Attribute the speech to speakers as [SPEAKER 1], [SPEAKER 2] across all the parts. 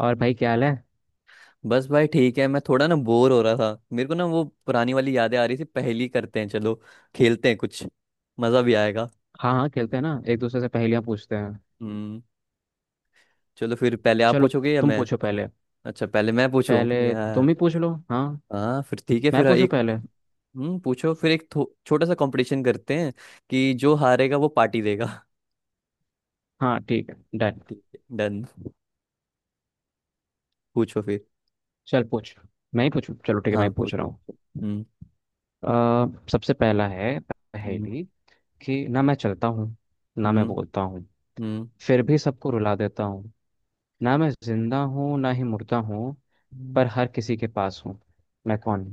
[SPEAKER 1] और भाई क्या हाल है।
[SPEAKER 2] बस भाई ठीक है। मैं थोड़ा ना बोर हो रहा था। मेरे को ना वो पुरानी वाली यादें आ रही थी। पहेली करते हैं, चलो खेलते हैं कुछ। मजा भी आएगा।
[SPEAKER 1] हाँ हाँ, खेलते हैं ना, एक दूसरे से पहेलियाँ पूछते हैं।
[SPEAKER 2] हम्म। चलो फिर, पहले आप
[SPEAKER 1] चलो
[SPEAKER 2] पूछोगे या
[SPEAKER 1] तुम
[SPEAKER 2] मैं?
[SPEAKER 1] पूछो पहले।
[SPEAKER 2] अच्छा, पहले मैं पूछूं
[SPEAKER 1] पहले
[SPEAKER 2] यार।
[SPEAKER 1] तुम ही पूछ लो, हाँ।
[SPEAKER 2] हाँ, फिर ठीक है।
[SPEAKER 1] मैं
[SPEAKER 2] फिर
[SPEAKER 1] पूछूँ
[SPEAKER 2] एक।
[SPEAKER 1] पहले।
[SPEAKER 2] पूछो फिर। एक छोटा सा कंपटीशन करते हैं, कि जो हारेगा वो पार्टी देगा।
[SPEAKER 1] हाँ ठीक है, डन।
[SPEAKER 2] ठीक है डन। पूछो फिर।
[SPEAKER 1] चल पूछ। मैं ही पूछूँ, चलो ठीक है, मैं
[SPEAKER 2] हाँ,
[SPEAKER 1] ही पूछ रहा
[SPEAKER 2] पूछो।
[SPEAKER 1] हूँ।
[SPEAKER 2] हम्म।
[SPEAKER 1] सबसे पहला है
[SPEAKER 2] हम्म।
[SPEAKER 1] पहेली कि ना मैं चलता हूँ, ना मैं
[SPEAKER 2] हम्म।
[SPEAKER 1] बोलता हूँ,
[SPEAKER 2] हम्म।
[SPEAKER 1] फिर भी सबको रुला देता हूँ। ना मैं जिंदा हूँ ना ही मुर्दा हूँ, पर हर किसी के पास हूँ। मैं कौन?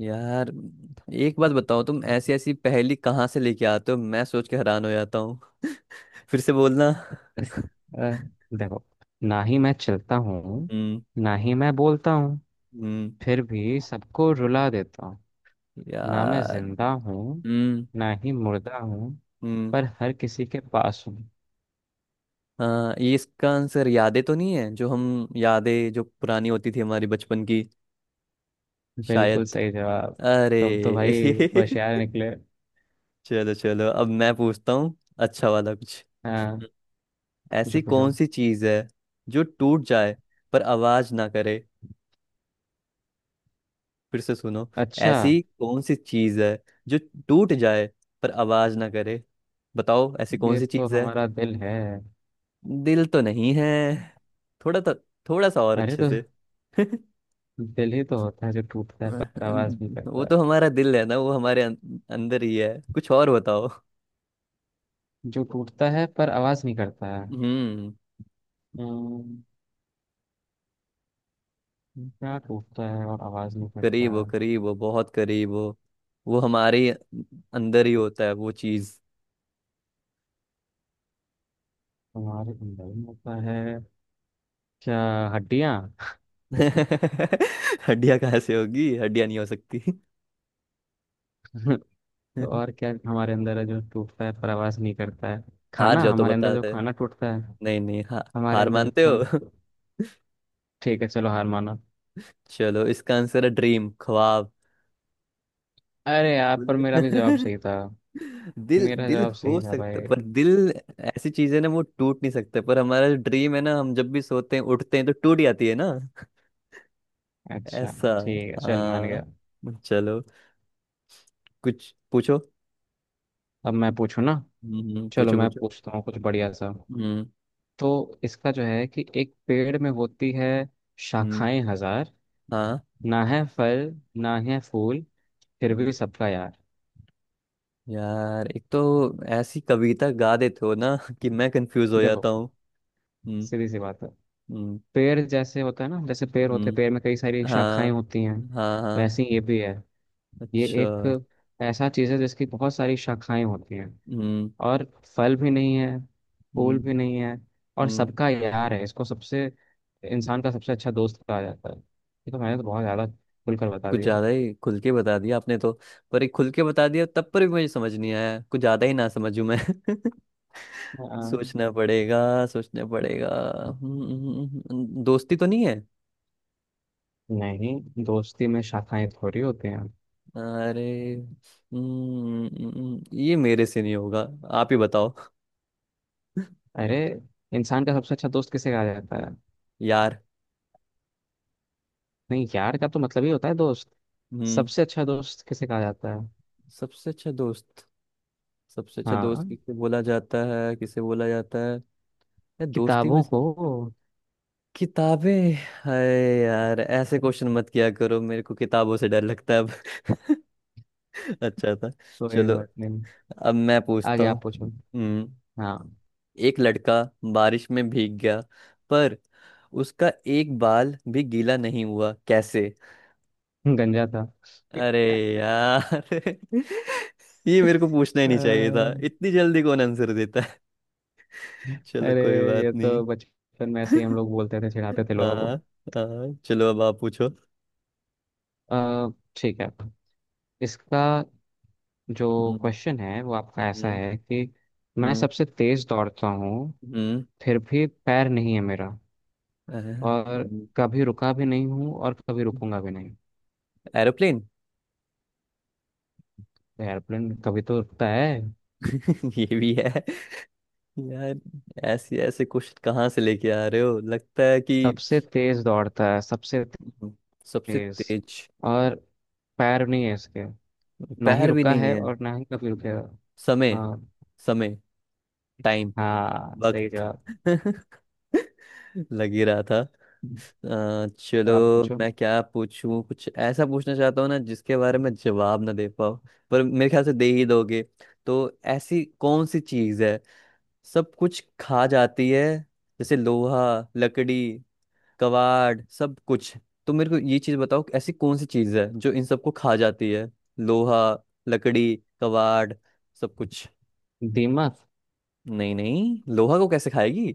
[SPEAKER 2] यार, एक बात बताओ, तुम ऐसी ऐसी पहेली कहाँ से लेके आते हो, मैं सोच के हैरान हो जाता हूँ। फिर से बोलना।
[SPEAKER 1] अ, देखो, ना ही मैं चलता हूँ,
[SPEAKER 2] हम्म।
[SPEAKER 1] ना ही मैं बोलता हूँ,
[SPEAKER 2] हम्म।
[SPEAKER 1] फिर भी सबको रुला देता हूँ। ना मैं
[SPEAKER 2] यार।
[SPEAKER 1] जिंदा हूँ
[SPEAKER 2] हम्म।
[SPEAKER 1] ना ही मुर्दा हूँ,
[SPEAKER 2] हम्म।
[SPEAKER 1] पर हर किसी के पास हूँ।
[SPEAKER 2] हाँ, ये इसका आंसर यादें तो नहीं है, जो हम यादें जो पुरानी होती थी हमारी बचपन की। शायद।
[SPEAKER 1] बिल्कुल सही जवाब। तुम तो
[SPEAKER 2] अरे।
[SPEAKER 1] भाई होशियार निकले।
[SPEAKER 2] चलो चलो, अब मैं पूछता हूँ। अच्छा वाला कुछ।
[SPEAKER 1] हाँ,
[SPEAKER 2] ऐसी
[SPEAKER 1] पूछो पूछो।
[SPEAKER 2] कौन सी चीज है जो टूट जाए पर आवाज ना करे? फिर से सुनो।
[SPEAKER 1] अच्छा।
[SPEAKER 2] ऐसी कौन सी चीज है? जो टूट जाए पर आवाज ना करे? बताओ ऐसी कौन
[SPEAKER 1] ये
[SPEAKER 2] सी
[SPEAKER 1] तो
[SPEAKER 2] चीज है?
[SPEAKER 1] हमारा दिल है।
[SPEAKER 2] दिल तो नहीं है। थोड़ा तो, थोड़ा सा और
[SPEAKER 1] अरे
[SPEAKER 2] अच्छे
[SPEAKER 1] तो
[SPEAKER 2] से।
[SPEAKER 1] दिल ही तो होता है जो टूटता है पर आवाज नहीं
[SPEAKER 2] वो
[SPEAKER 1] करता है।
[SPEAKER 2] तो हमारा दिल है ना, वो हमारे अंदर ही है। कुछ और बताओ।
[SPEAKER 1] जो टूटता है पर आवाज नहीं करता है।
[SPEAKER 2] हम्म।
[SPEAKER 1] हम्म, क्या टूटता है और आवाज नहीं करता?
[SPEAKER 2] करीब हो, करीब हो, बहुत करीब हो। वो हमारे ही अंदर ही होता है वो चीज।
[SPEAKER 1] हमारे अंदर में होता है? क्या? हड्डियाँ?
[SPEAKER 2] हड्डियां कहाँ से होगी? हड्डियां नहीं हो सकती।
[SPEAKER 1] तो और क्या हमारे अंदर है जो टूटता है पर आवाज नहीं करता है?
[SPEAKER 2] हार
[SPEAKER 1] खाना,
[SPEAKER 2] जाओ तो
[SPEAKER 1] हमारे
[SPEAKER 2] बता
[SPEAKER 1] अंदर जो
[SPEAKER 2] दे।
[SPEAKER 1] खाना टूटता है।
[SPEAKER 2] नहीं नहीं,
[SPEAKER 1] हमारे
[SPEAKER 2] हार
[SPEAKER 1] अंदर जो
[SPEAKER 2] मानते
[SPEAKER 1] खाना।
[SPEAKER 2] हो?
[SPEAKER 1] ठीक है चलो, हार माना।
[SPEAKER 2] चलो, इसका आंसर है ड्रीम, ख्वाब।
[SPEAKER 1] अरे यार, पर
[SPEAKER 2] बोले-
[SPEAKER 1] मेरा भी जवाब सही था।
[SPEAKER 2] दिल,
[SPEAKER 1] मेरा
[SPEAKER 2] दिल
[SPEAKER 1] जवाब सही
[SPEAKER 2] हो
[SPEAKER 1] था
[SPEAKER 2] सकता है,
[SPEAKER 1] भाई।
[SPEAKER 2] पर दिल ऐसी चीज है ना, वो टूट नहीं सकता, पर हमारा जो ड्रीम है ना, हम जब भी सोते हैं उठते हैं तो टूट जाती है ना।
[SPEAKER 1] अच्छा,
[SPEAKER 2] ऐसा।
[SPEAKER 1] ठीक है, चल मान
[SPEAKER 2] हाँ।
[SPEAKER 1] गया।
[SPEAKER 2] चलो, कुछ पूछो।
[SPEAKER 1] अब मैं पूछूँ ना। चलो
[SPEAKER 2] पूछो
[SPEAKER 1] मैं
[SPEAKER 2] पूछो।
[SPEAKER 1] पूछता हूँ कुछ बढ़िया सा।
[SPEAKER 2] हम्म।
[SPEAKER 1] तो इसका जो है कि एक पेड़ में होती है
[SPEAKER 2] हम्म।
[SPEAKER 1] शाखाएं हजार,
[SPEAKER 2] हाँ।
[SPEAKER 1] ना है फल ना है फूल, फिर
[SPEAKER 2] हम्म।
[SPEAKER 1] भी सबका यार।
[SPEAKER 2] यार, एक तो ऐसी कविता गा देते हो ना, कि मैं कंफ्यूज हो जाता
[SPEAKER 1] देखो,
[SPEAKER 2] हूँ। हम्म।
[SPEAKER 1] सीधी सी बात है।
[SPEAKER 2] हम्म।
[SPEAKER 1] पेड़ जैसे होता है ना, जैसे पेड़ होते हैं,
[SPEAKER 2] हम्म।
[SPEAKER 1] पेड़ में कई सारी शाखाएं
[SPEAKER 2] हाँ।
[SPEAKER 1] होती हैं।
[SPEAKER 2] हाँ हाँ।
[SPEAKER 1] वैसे ही ये भी है। ये
[SPEAKER 2] अच्छा।
[SPEAKER 1] एक ऐसा चीज है जिसकी बहुत सारी शाखाएं होती हैं,
[SPEAKER 2] हम्म।
[SPEAKER 1] और फल भी नहीं है, फूल
[SPEAKER 2] हम्म।
[SPEAKER 1] भी नहीं है, और
[SPEAKER 2] हम्म।
[SPEAKER 1] सबका यार है। इसको सबसे, इंसान का सबसे अच्छा दोस्त कहा जाता है। ये तो मैंने तो बहुत ज्यादा खुलकर बता
[SPEAKER 2] कुछ
[SPEAKER 1] दिया।
[SPEAKER 2] ज्यादा ही खुल के बता दिया आपने तो। पर एक खुल के बता दिया तब पर भी मुझे समझ नहीं आया, कुछ ज्यादा ही ना समझूं मैं।
[SPEAKER 1] आ,
[SPEAKER 2] सोचना पड़ेगा, सोचना पड़ेगा। दोस्ती तो नहीं है।
[SPEAKER 1] नहीं, दोस्ती में शाखाएं थोड़ी होती हैं।
[SPEAKER 2] अरे। ये मेरे से नहीं होगा। आप ही बताओ।
[SPEAKER 1] अरे, इंसान का सबसे अच्छा दोस्त किसे कहा जाता है?
[SPEAKER 2] यार।
[SPEAKER 1] नहीं, यार का तो मतलब ही होता है दोस्त।
[SPEAKER 2] हम्म।
[SPEAKER 1] सबसे अच्छा दोस्त किसे कहा जाता है?
[SPEAKER 2] सबसे अच्छा दोस्त, सबसे अच्छा
[SPEAKER 1] हाँ,
[SPEAKER 2] दोस्त किसे बोला जाता है? किसे बोला जाता है? यार, दोस्ती में
[SPEAKER 1] किताबों
[SPEAKER 2] से।
[SPEAKER 1] को।
[SPEAKER 2] किताबें। हाय। यार, ऐसे क्वेश्चन मत किया करो, मेरे को किताबों से डर लगता है अब। अच्छा था।
[SPEAKER 1] कोई
[SPEAKER 2] चलो,
[SPEAKER 1] बात नहीं।
[SPEAKER 2] अब मैं पूछता
[SPEAKER 1] आगे आप
[SPEAKER 2] हूँ।
[SPEAKER 1] पूछो।
[SPEAKER 2] हम्म।
[SPEAKER 1] हाँ।
[SPEAKER 2] एक लड़का बारिश में भीग गया, पर उसका एक बाल भी गीला नहीं हुआ, कैसे?
[SPEAKER 1] गंजा था।
[SPEAKER 2] अरे यार, ये मेरे को पूछना ही
[SPEAKER 1] अ,
[SPEAKER 2] नहीं चाहिए था, इतनी जल्दी कौन आंसर देता है। चलो,
[SPEAKER 1] अरे,
[SPEAKER 2] कोई बात
[SPEAKER 1] ये
[SPEAKER 2] नहीं।
[SPEAKER 1] तो बचपन में ऐसे ही हम लोग बोलते थे, चिढ़ाते थे लोगों को।
[SPEAKER 2] हाँ। हाँ, चलो अब आप पूछो।
[SPEAKER 1] ठीक है। इसका जो
[SPEAKER 2] हम्म।
[SPEAKER 1] क्वेश्चन है वो आपका ऐसा
[SPEAKER 2] हम्म।
[SPEAKER 1] है कि मैं
[SPEAKER 2] हम्म।
[SPEAKER 1] सबसे तेज दौड़ता हूँ,
[SPEAKER 2] हम्म,
[SPEAKER 1] फिर भी पैर नहीं है मेरा।
[SPEAKER 2] अ,
[SPEAKER 1] और
[SPEAKER 2] हम्म,
[SPEAKER 1] कभी रुका भी नहीं हूँ और कभी रुकूंगा भी नहीं।
[SPEAKER 2] एरोप्लेन।
[SPEAKER 1] एयरप्लेन कभी तो रुकता है।
[SPEAKER 2] ये भी है। यार, ऐसे ऐसे क्वेश्चन कहाँ से लेके आ रहे हो, लगता है कि।
[SPEAKER 1] सबसे तेज दौड़ता है, सबसे
[SPEAKER 2] सबसे
[SPEAKER 1] तेज,
[SPEAKER 2] तेज।
[SPEAKER 1] और पैर नहीं है इसके, ना ही
[SPEAKER 2] पैर भी
[SPEAKER 1] रुका
[SPEAKER 2] नहीं
[SPEAKER 1] है
[SPEAKER 2] है।
[SPEAKER 1] और ना ही कभी रुकेगा।
[SPEAKER 2] समय।
[SPEAKER 1] हाँ।
[SPEAKER 2] समय। टाइम।
[SPEAKER 1] हाँ सही
[SPEAKER 2] वक्त।
[SPEAKER 1] जवाब।
[SPEAKER 2] लग ही रहा था।
[SPEAKER 1] तो
[SPEAKER 2] चलो।
[SPEAKER 1] आप पूछो।
[SPEAKER 2] मैं क्या पूछूं? कुछ ऐसा पूछना चाहता हूँ ना, जिसके बारे में जवाब ना दे पाओ। पर मेरे ख्याल से दे ही दोगे। तो ऐसी कौन सी चीज है, सब कुछ खा जाती है? जैसे लोहा, लकड़ी, कबाड़, सब कुछ। तो मेरे को ये चीज बताओ, ऐसी कौन सी चीज है जो इन सबको खा जाती है? लोहा, लकड़ी, कबाड़, सब कुछ।
[SPEAKER 1] दीमक।
[SPEAKER 2] नहीं नहीं, लोहा को कैसे खाएगी?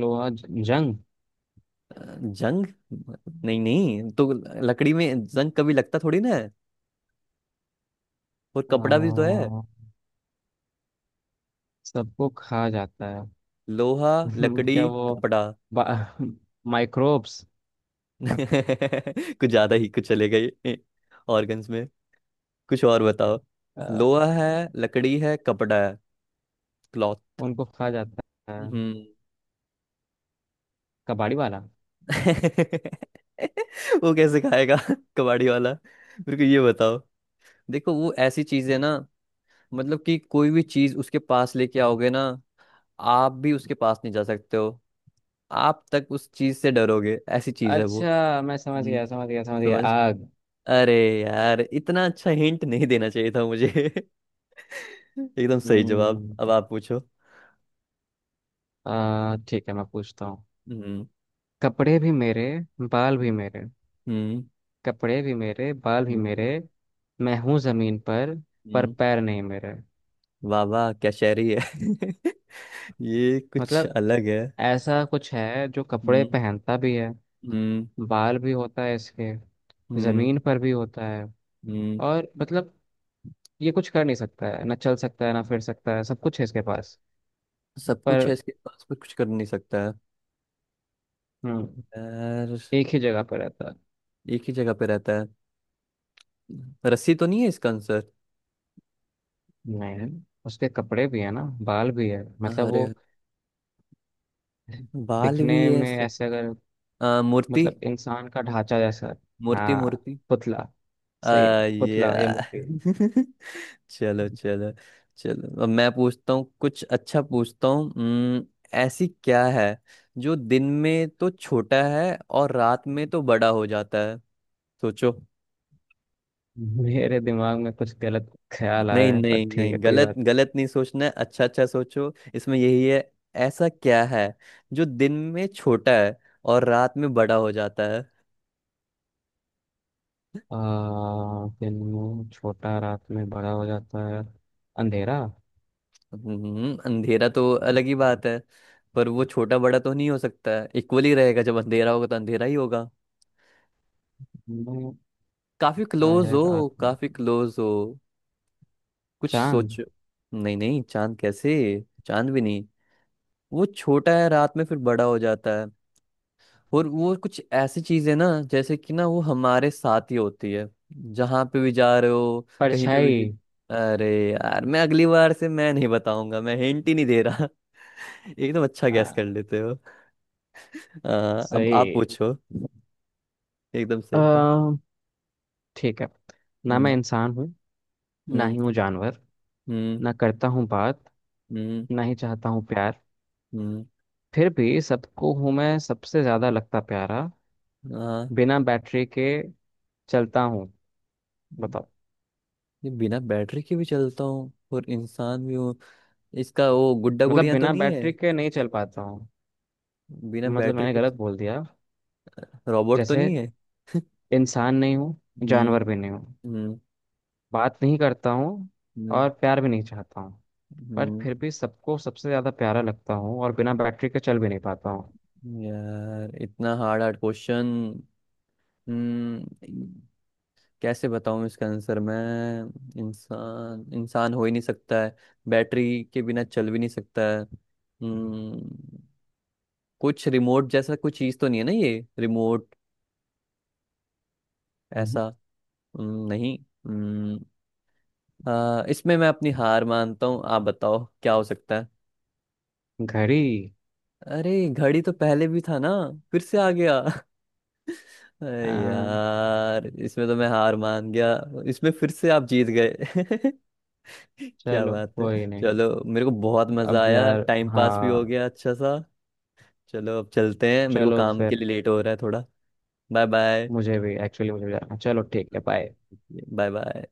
[SPEAKER 1] लोहा, जंग।
[SPEAKER 2] जंग। नहीं नहीं तो, लकड़ी में जंग कभी लगता थोड़ी ना है, और
[SPEAKER 1] आ,
[SPEAKER 2] कपड़ा भी तो है।
[SPEAKER 1] सबको खा जाता है।
[SPEAKER 2] लोहा, लकड़ी,
[SPEAKER 1] क्या वो,
[SPEAKER 2] कपड़ा।
[SPEAKER 1] माइक्रोब्स?
[SPEAKER 2] कुछ ज्यादा ही कुछ चले गए ऑर्गन्स में। कुछ और बताओ। लोहा है, लकड़ी है, कपड़ा है। क्लॉथ।
[SPEAKER 1] उनको खा जाता है, कबाड़ी वाला।
[SPEAKER 2] वो कैसे खाएगा? कबाड़ी वाला। मेरे को ये बताओ। देखो, वो ऐसी चीज है ना, मतलब कि कोई भी चीज उसके पास लेके आओगे ना, आप भी उसके पास नहीं जा सकते हो। आप तक उस चीज से डरोगे, ऐसी चीज है वो।
[SPEAKER 1] अच्छा मैं समझ
[SPEAKER 2] हम्म,
[SPEAKER 1] गया, समझ गया, समझ गया,
[SPEAKER 2] समझ।
[SPEAKER 1] आग।
[SPEAKER 2] अरे। यार, इतना अच्छा हिंट नहीं देना चाहिए था मुझे। एकदम सही जवाब,
[SPEAKER 1] हम्म।
[SPEAKER 2] अब आप पूछो।
[SPEAKER 1] ठीक है, मैं पूछता हूँ।
[SPEAKER 2] हम्म।
[SPEAKER 1] कपड़े भी मेरे, बाल भी
[SPEAKER 2] हम्म।
[SPEAKER 1] मेरे।
[SPEAKER 2] हम्म।
[SPEAKER 1] कपड़े भी मेरे, बाल भी मेरे, मैं हूँ जमीन पर
[SPEAKER 2] हम्म।
[SPEAKER 1] पैर नहीं मेरे।
[SPEAKER 2] वाह वाह, क्या शायरी है। ये कुछ
[SPEAKER 1] मतलब
[SPEAKER 2] अलग है।
[SPEAKER 1] ऐसा कुछ है जो कपड़े
[SPEAKER 2] हम्म।
[SPEAKER 1] पहनता भी है,
[SPEAKER 2] हम्म।
[SPEAKER 1] बाल भी होता है इसके,
[SPEAKER 2] हम्म।
[SPEAKER 1] जमीन पर भी होता है,
[SPEAKER 2] हम्म।
[SPEAKER 1] और मतलब ये कुछ कर नहीं सकता है, ना चल सकता है ना फिर सकता है, सब कुछ है इसके पास
[SPEAKER 2] सब कुछ है
[SPEAKER 1] पर।
[SPEAKER 2] इसके पास पर कुछ कर नहीं सकता है।
[SPEAKER 1] हम्म।
[SPEAKER 2] यार।
[SPEAKER 1] एक ही जगह पर रहता है।
[SPEAKER 2] एक ही जगह पे रहता है। रस्सी तो नहीं है इसका आंसर?
[SPEAKER 1] नहीं, उसके कपड़े भी है ना, बाल भी है, मतलब
[SPEAKER 2] अरे।
[SPEAKER 1] वो
[SPEAKER 2] बाल
[SPEAKER 1] दिखने
[SPEAKER 2] भी है
[SPEAKER 1] में
[SPEAKER 2] सब।
[SPEAKER 1] ऐसे, अगर
[SPEAKER 2] मूर्ति।
[SPEAKER 1] मतलब इंसान का ढांचा जैसा।
[SPEAKER 2] मूर्ति,
[SPEAKER 1] हाँ,
[SPEAKER 2] मूर्ति।
[SPEAKER 1] पुतला।
[SPEAKER 2] आ,
[SPEAKER 1] सही है। पुतला या मूर्ति।
[SPEAKER 2] यार। चलो चलो। चलो अब मैं पूछता हूँ, कुछ अच्छा पूछता हूँ। हम्म। ऐसी क्या है जो दिन में तो छोटा है और रात में तो बड़ा हो जाता है? सोचो।
[SPEAKER 1] मेरे दिमाग में कुछ गलत ख्याल
[SPEAKER 2] नहीं
[SPEAKER 1] आया है, पर
[SPEAKER 2] नहीं
[SPEAKER 1] ठीक
[SPEAKER 2] नहीं,
[SPEAKER 1] है कोई
[SPEAKER 2] गलत
[SPEAKER 1] बात।
[SPEAKER 2] गलत नहीं सोचना है, अच्छा अच्छा सोचो इसमें, यही है। ऐसा क्या है जो दिन में छोटा है और रात में बड़ा हो जाता है?
[SPEAKER 1] आ, दिन में छोटा, रात में बड़ा हो जाता है। अंधेरा।
[SPEAKER 2] अंधेरा तो अलग ही बात है। पर वो छोटा बड़ा तो नहीं हो सकता है, इक्वली रहेगा, जब अंधेरा होगा तो अंधेरा ही होगा।
[SPEAKER 1] दिन में
[SPEAKER 2] काफी
[SPEAKER 1] बड़ा
[SPEAKER 2] क्लोज
[SPEAKER 1] है
[SPEAKER 2] हो,
[SPEAKER 1] रात में।
[SPEAKER 2] काफी क्लोज हो। कुछ
[SPEAKER 1] चांद।
[SPEAKER 2] सोचो। नहीं नहीं, चांद कैसे? चांद भी नहीं। वो छोटा है रात में, फिर बड़ा हो जाता है। और वो कुछ ऐसी चीज है ना, जैसे कि ना वो हमारे साथ ही होती है, जहां पे भी जा रहे हो, कहीं पे भी।
[SPEAKER 1] परछाई।
[SPEAKER 2] अरे यार, मैं अगली बार से मैं नहीं बताऊंगा, मैं हिंट ही नहीं दे रहा। एकदम अच्छा गैस कर
[SPEAKER 1] हाँ
[SPEAKER 2] लेते हो। आ, अब आप
[SPEAKER 1] सही।
[SPEAKER 2] पूछो। एकदम सही था।
[SPEAKER 1] आ, ठीक है। ना मैं
[SPEAKER 2] हम्म।
[SPEAKER 1] इंसान हूँ, ना
[SPEAKER 2] हम्म।
[SPEAKER 1] ही हूँ जानवर,
[SPEAKER 2] हम्म।
[SPEAKER 1] ना करता हूँ बात,
[SPEAKER 2] हम्म।
[SPEAKER 1] ना ही चाहता हूँ प्यार,
[SPEAKER 2] हम्म।
[SPEAKER 1] फिर भी सबको हूँ मैं सबसे ज्यादा लगता प्यारा।
[SPEAKER 2] हाँ।
[SPEAKER 1] बिना बैटरी के चलता हूँ।
[SPEAKER 2] हम्म।
[SPEAKER 1] बताओ।
[SPEAKER 2] ये बिना बैटरी के भी चलता हूँ और इंसान भी हूँ? इसका वो गुड्डा
[SPEAKER 1] मतलब
[SPEAKER 2] गुड़िया तो
[SPEAKER 1] बिना
[SPEAKER 2] नहीं है?
[SPEAKER 1] बैटरी के नहीं चल पाता हूँ।
[SPEAKER 2] बिना
[SPEAKER 1] मतलब
[SPEAKER 2] बैटरी
[SPEAKER 1] मैंने
[SPEAKER 2] के।
[SPEAKER 1] गलत बोल दिया।
[SPEAKER 2] रोबोट तो
[SPEAKER 1] जैसे
[SPEAKER 2] नहीं है?
[SPEAKER 1] इंसान नहीं हूँ,
[SPEAKER 2] हम्म।
[SPEAKER 1] जानवर भी नहीं हूँ, बात नहीं करता हूँ
[SPEAKER 2] हम्म।
[SPEAKER 1] और प्यार भी नहीं चाहता हूँ। पर
[SPEAKER 2] हम्म,
[SPEAKER 1] फिर भी सबको सबसे ज्यादा प्यारा लगता हूँ, और बिना बैटरी के चल भी नहीं पाता हूँ।
[SPEAKER 2] यार इतना हार्ड हार्ड क्वेश्चन। हम्म। कैसे बताऊं इसका आंसर मैं? इंसान, इंसान हो ही नहीं सकता है। बैटरी के बिना चल भी नहीं सकता है। हम्म। कुछ रिमोट जैसा कुछ चीज तो नहीं है ना, ये रिमोट,
[SPEAKER 1] हम्म।
[SPEAKER 2] ऐसा? नहीं। हम्म। इसमें मैं अपनी हार मानता हूँ, आप बताओ क्या हो सकता है।
[SPEAKER 1] घड़ी।
[SPEAKER 2] अरे, घड़ी तो पहले भी था ना, फिर से आ गया। अरे
[SPEAKER 1] आ,
[SPEAKER 2] यार, इसमें तो मैं हार मान गया। इसमें फिर से आप जीत गए। क्या
[SPEAKER 1] चलो
[SPEAKER 2] बात है।
[SPEAKER 1] कोई नहीं।
[SPEAKER 2] चलो, मेरे को बहुत मजा
[SPEAKER 1] अब
[SPEAKER 2] आया,
[SPEAKER 1] यार।
[SPEAKER 2] टाइम पास भी हो
[SPEAKER 1] हाँ।
[SPEAKER 2] गया अच्छा सा। चलो, अब चलते हैं, मेरे को
[SPEAKER 1] चलो
[SPEAKER 2] काम के
[SPEAKER 1] फिर।
[SPEAKER 2] लिए लेट हो रहा है थोड़ा। Bye bye.
[SPEAKER 1] मुझे भी एक्चुअली, मुझे भी जाना। चलो ठीक है, बाय।
[SPEAKER 2] Bye bye.